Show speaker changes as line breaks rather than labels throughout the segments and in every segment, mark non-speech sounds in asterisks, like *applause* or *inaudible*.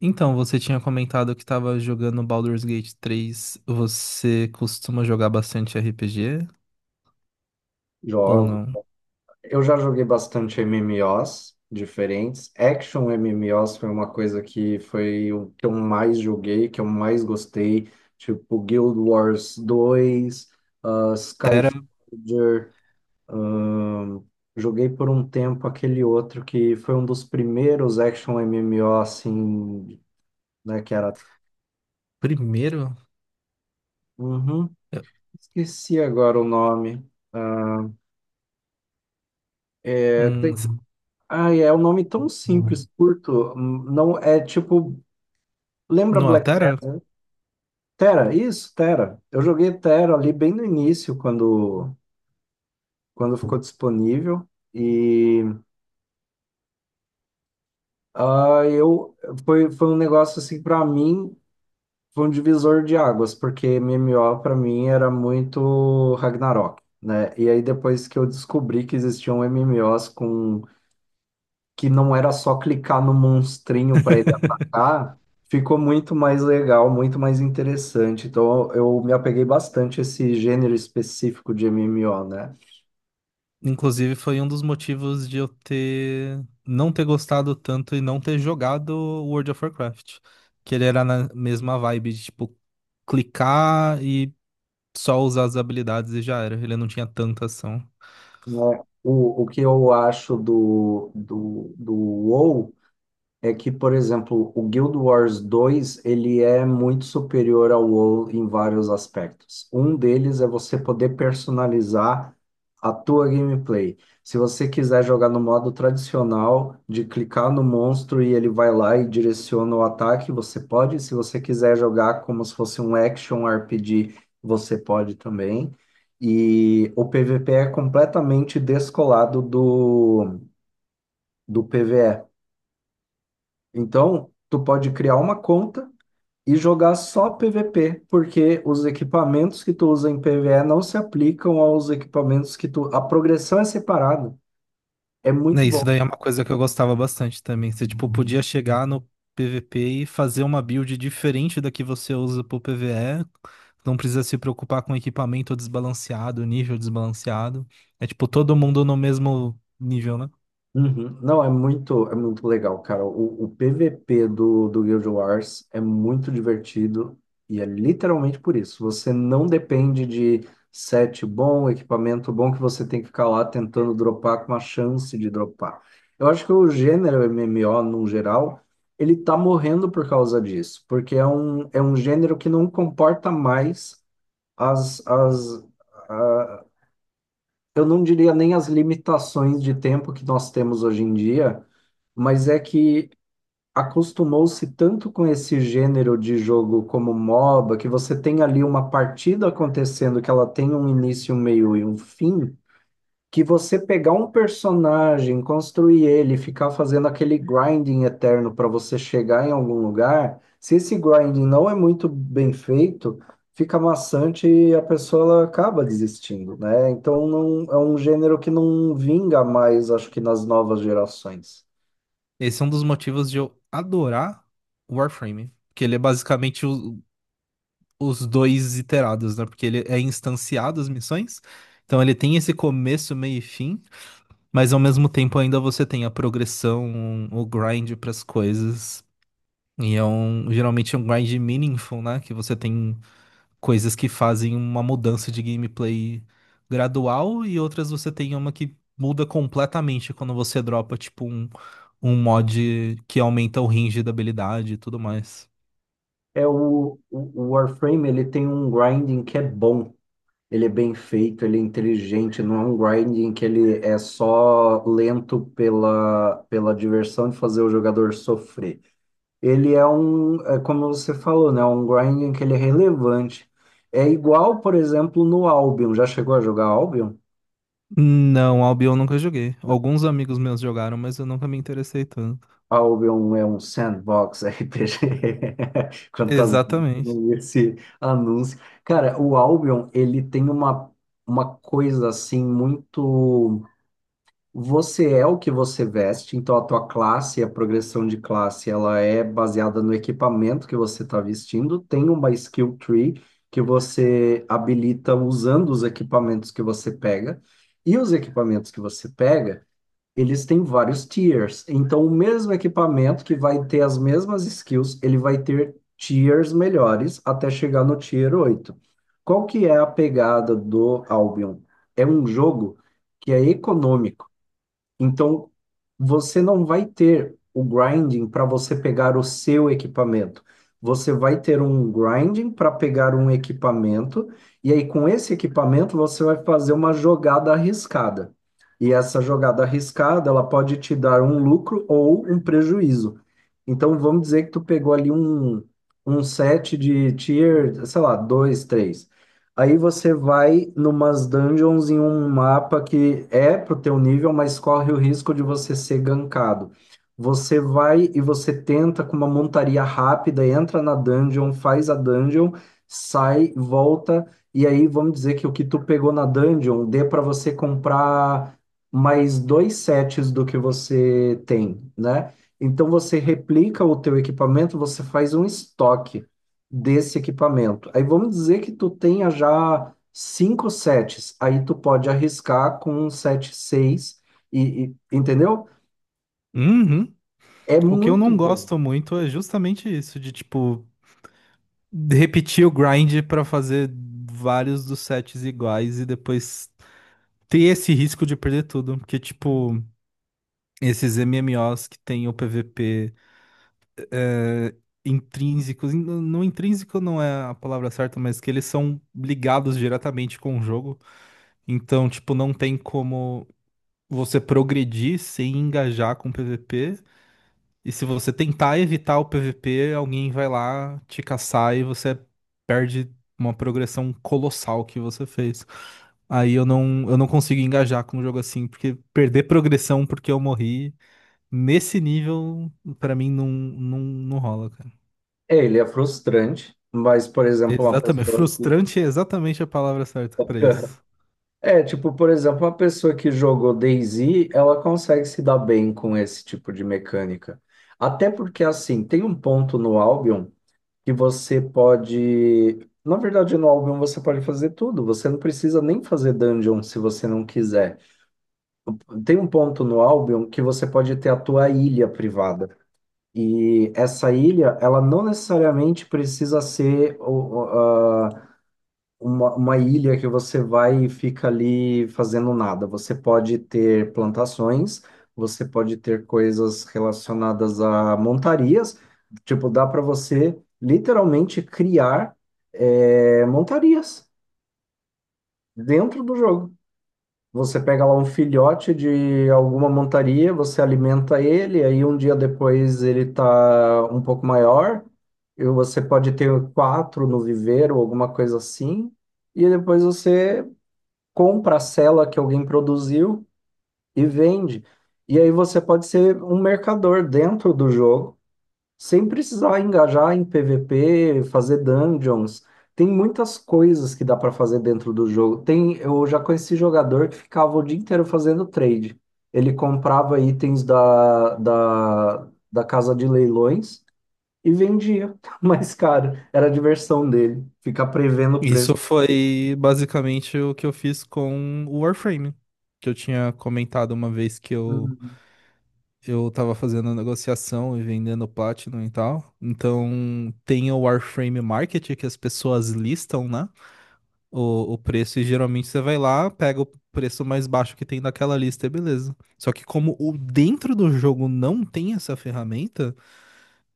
Então, você tinha comentado que estava jogando Baldur's Gate 3. Você costuma jogar bastante RPG ou
Jogo.
não?
Eu já joguei bastante MMOs diferentes. Action MMOs foi uma coisa que foi o que eu mais joguei, que eu mais gostei. Tipo Guild Wars dois,
Tera
Skyforger. ahn, joguei por um tempo aquele outro que foi um dos primeiros action MMO assim, né? Que era.
primeiro?
Uhum.
Eu-
Esqueci agora o nome. Ah, é.
Hum, s-
Ai, é um nome tão simples, curto. Não é tipo, lembra
não é o
Black
Tera?
Desert, né? Terra, isso, Terra. Eu joguei Terra ali bem no início, quando ficou disponível. E ah, eu foi um negócio assim para mim, foi um divisor de águas, porque MMO para mim era muito Ragnarok, né? E aí depois que eu descobri que existiam MMOs com que não era só clicar no monstrinho para ele
*laughs*
atacar, ficou muito mais legal, muito mais interessante. Então eu me apeguei bastante a esse gênero específico de MMO, né?
Inclusive, foi um dos motivos de eu ter não ter gostado tanto e não ter jogado World of Warcraft. Que ele era na mesma vibe de, tipo, clicar e só usar as habilidades e já era. Ele não tinha tanta ação.
Né, é. O que eu acho do WoW é que, por exemplo, o Guild Wars dois ele é muito superior ao WoW em vários aspectos. Um deles é você poder personalizar a tua gameplay. Se você quiser jogar no modo tradicional, de clicar no monstro e ele vai lá e direciona o ataque, você pode. Se você quiser jogar como se fosse um action RPG, você pode também. E o PVP é completamente descolado do PvE. Então, tu pode criar uma conta e jogar só PVP, porque os equipamentos que tu usa em PvE não se aplicam aos equipamentos que tu. A progressão é separada. É
Né,
muito
isso
bom.
daí é uma coisa que eu gostava bastante também. Você, tipo, podia chegar no PVP e fazer uma build diferente da que você usa pro PvE. Não precisa se preocupar com equipamento desbalanceado, nível desbalanceado. É, tipo, todo mundo no mesmo nível, né?
Uhum. Não, é muito legal, cara. O PVP do Guild Wars é muito divertido e é literalmente por isso. Você não depende de set bom, equipamento bom que você tem que ficar lá tentando dropar com uma chance de dropar. Eu acho que o gênero MMO, no geral, ele tá morrendo por causa disso, porque é um gênero que não comporta mais as, as, eu não diria nem as limitações de tempo que nós temos hoje em dia, mas é que acostumou-se tanto com esse gênero de jogo como MOBA, que você tem ali uma partida acontecendo, que ela tem um início, um meio e um fim, que você pegar um personagem, construir ele, ficar fazendo aquele grinding eterno para você chegar em algum lugar, se esse grinding não é muito bem feito, fica maçante e a pessoa ela acaba desistindo, né? Então não, é um gênero que não vinga mais, acho que nas novas gerações.
Esse é um dos motivos de eu adorar o Warframe. Porque ele é basicamente o- os dois iterados, né? Porque ele é instanciado as missões. Então ele tem esse começo, meio e fim. Mas ao mesmo tempo ainda você tem a progressão, o grind pras coisas. Geralmente é um grind meaningful, né? Que você tem coisas que fazem uma mudança de gameplay gradual e outras você tem uma que muda completamente quando você dropa, tipo, um mod que aumenta o range da habilidade e tudo mais.
É o Warframe, ele tem um grinding que é bom. Ele é bem feito, ele é inteligente, não é um grinding que ele é só lento pela diversão de fazer o jogador sofrer. Ele é como você falou, né? Um grinding que ele é relevante. É igual, por exemplo, no Albion. Já chegou a jogar Albion?
Não, Albion eu nunca joguei. Alguns amigos meus jogaram, mas eu nunca me interessei tanto.
Albion é um sandbox RPG. *laughs* Quantas vezes eu
Exatamente.
não li esse anúncio. Cara, o Albion, ele tem uma coisa assim muito. Você é o que você veste, então a tua classe, a progressão de classe, ela é baseada no equipamento que você está vestindo. Tem uma skill tree que você habilita usando os equipamentos que você pega. E os equipamentos que você pega, eles têm vários tiers. Então, o mesmo equipamento que vai ter as mesmas skills, ele vai ter tiers melhores até chegar no tier 8. Qual que é a pegada do Albion? É um jogo que é econômico. Então, você não vai ter o grinding para você pegar o seu equipamento. Você vai ter um grinding para pegar um equipamento, e aí com esse equipamento você vai fazer uma jogada arriscada. E essa jogada arriscada, ela pode te dar um lucro ou um prejuízo. Então, vamos dizer que tu pegou ali um set de tier, sei lá, 2, 3. Aí você vai numas dungeons em um mapa que é pro teu nível, mas corre o risco de você ser gankado. Você vai e você tenta com uma montaria rápida, entra na dungeon, faz a dungeon, sai, volta, e aí vamos dizer que o que tu pegou na dungeon dê para você comprar mais dois sets do que você tem, né? Então você replica o teu equipamento, você faz um estoque desse equipamento. Aí vamos dizer que tu tenha já cinco sets, aí tu pode arriscar com um set seis entendeu?
Uhum.
É
O que eu
muito
não
bom.
gosto muito é justamente isso, de tipo, repetir o grind pra fazer vários dos sets iguais e depois ter esse risco de perder tudo. Porque, tipo, esses MMOs que tem o PVP é, não intrínseco não é a palavra certa, mas que eles são ligados diretamente com o jogo. Então, tipo, não tem como você progredir sem engajar com o PVP. E se você tentar evitar o PVP, alguém vai lá te caçar e você perde uma progressão colossal que você fez. Aí eu não consigo engajar com um jogo assim, porque perder progressão porque eu morri, nesse nível, pra mim não rola, cara.
É, ele é frustrante, mas, por exemplo, uma
Exatamente.
pessoa que...
Frustrante é exatamente a palavra certa pra
*laughs*
isso.
É, tipo, por exemplo, uma pessoa que jogou DayZ, ela consegue se dar bem com esse tipo de mecânica. Até porque, assim, tem um ponto no Albion que você pode. Na verdade, no álbum você pode fazer tudo. Você não precisa nem fazer dungeon se você não quiser. Tem um ponto no álbum que você pode ter a tua ilha privada. E essa ilha, ela não necessariamente precisa ser o- uma ilha que você vai e fica ali fazendo nada. Você pode ter plantações, você pode ter coisas relacionadas a montarias. Tipo, dá para você literalmente criar montarias dentro do jogo. Você pega lá um filhote de alguma montaria, você alimenta ele, aí um dia depois ele tá um pouco maior, e você pode ter quatro no viveiro, alguma coisa assim, e depois você compra a cela que alguém produziu e vende. E aí você pode ser um mercador dentro do jogo, sem precisar engajar em PVP, fazer dungeons. Tem muitas coisas que dá para fazer dentro do jogo. Tem, eu já conheci jogador que ficava o dia inteiro fazendo trade. Ele comprava itens da casa de leilões e vendia *laughs* mais caro. Era a diversão dele, ficar prevendo o preço.
Isso foi basicamente o que eu fiz com o Warframe, que eu tinha comentado uma vez que eu tava fazendo negociação e vendendo Platinum e tal. Então tem o Warframe Market que as pessoas listam, né? O preço, e geralmente você vai lá, pega o preço mais baixo que tem naquela lista e beleza. Só que como o dentro do jogo não tem essa ferramenta,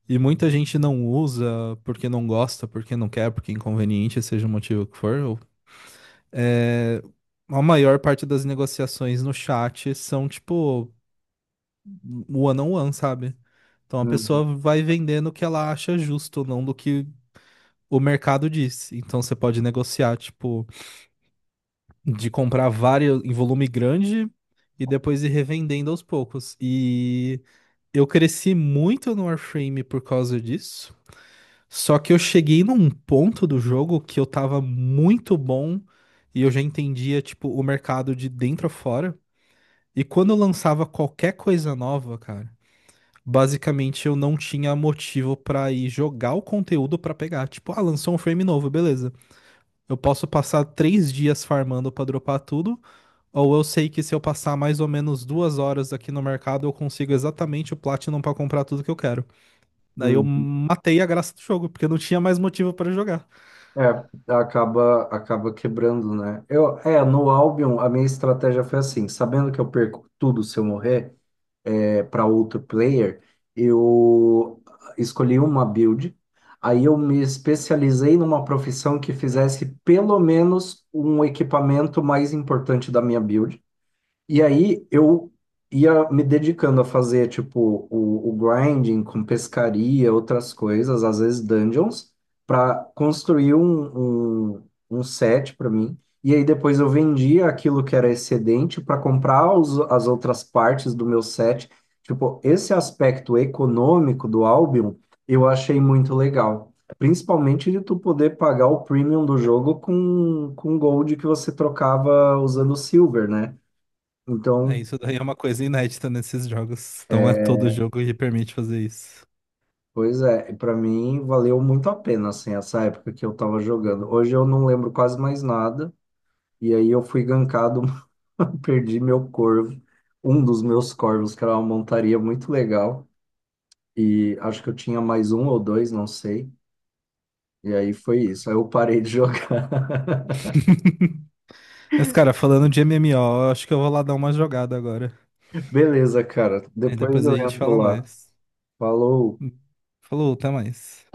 e muita gente não usa porque não gosta, porque não quer, porque é inconveniente, seja o motivo que for, é, a maior parte das negociações no chat são tipo one on one, sabe? Então a
Uhum,
pessoa vai vendendo o que ela acha justo, não do que o mercado diz. Então você pode negociar, tipo, de comprar vários em volume grande e depois ir revendendo aos poucos. E eu cresci muito no Warframe por causa disso. Só que eu cheguei num ponto do jogo que eu tava muito bom e eu já entendia, tipo, o mercado de dentro a fora. E quando eu lançava qualquer coisa nova, cara, basicamente eu não tinha motivo pra ir jogar o conteúdo pra pegar. Tipo, ah, lançou um frame novo, beleza. Eu posso passar 3 dias farmando pra dropar tudo, ou eu sei que se eu passar mais ou menos 2 horas aqui no mercado, eu consigo exatamente o Platinum pra comprar tudo que eu quero. Daí eu
uhum.
matei a graça do jogo, porque eu não tinha mais motivo pra jogar.
É, acaba quebrando, né? No Albion, a minha estratégia foi assim, sabendo que eu perco tudo se eu morrer é para outro player, eu escolhi uma build, aí eu me especializei numa profissão que fizesse pelo menos um equipamento mais importante da minha build, e aí eu ia me dedicando a fazer, tipo, o grinding com pescaria, outras coisas, às vezes dungeons, para construir um set para mim. E aí depois eu vendia aquilo que era excedente para comprar as outras partes do meu set. Tipo, esse aspecto econômico do Albion eu achei muito legal. Principalmente de tu poder pagar o premium do jogo com, gold que você trocava usando silver, né?
É,
Então,
isso daí é uma coisa inédita nesses jogos. Não é
é,
todo jogo que permite fazer isso.
pois é, para mim valeu muito a pena, assim, essa época que eu tava jogando. Hoje eu não lembro quase mais nada, e aí eu fui gankado, *laughs* perdi meu corvo, um dos meus corvos, que era uma montaria muito legal, e acho que eu tinha mais um ou dois, não sei, e aí foi isso, aí eu parei de jogar. *laughs*
Mas, cara, falando de MMO, eu acho que eu vou lá dar uma jogada agora.
Beleza, cara,
Aí
depois
depois a
eu
gente
entro
fala
lá.
mais.
Falou.
Falou, até mais.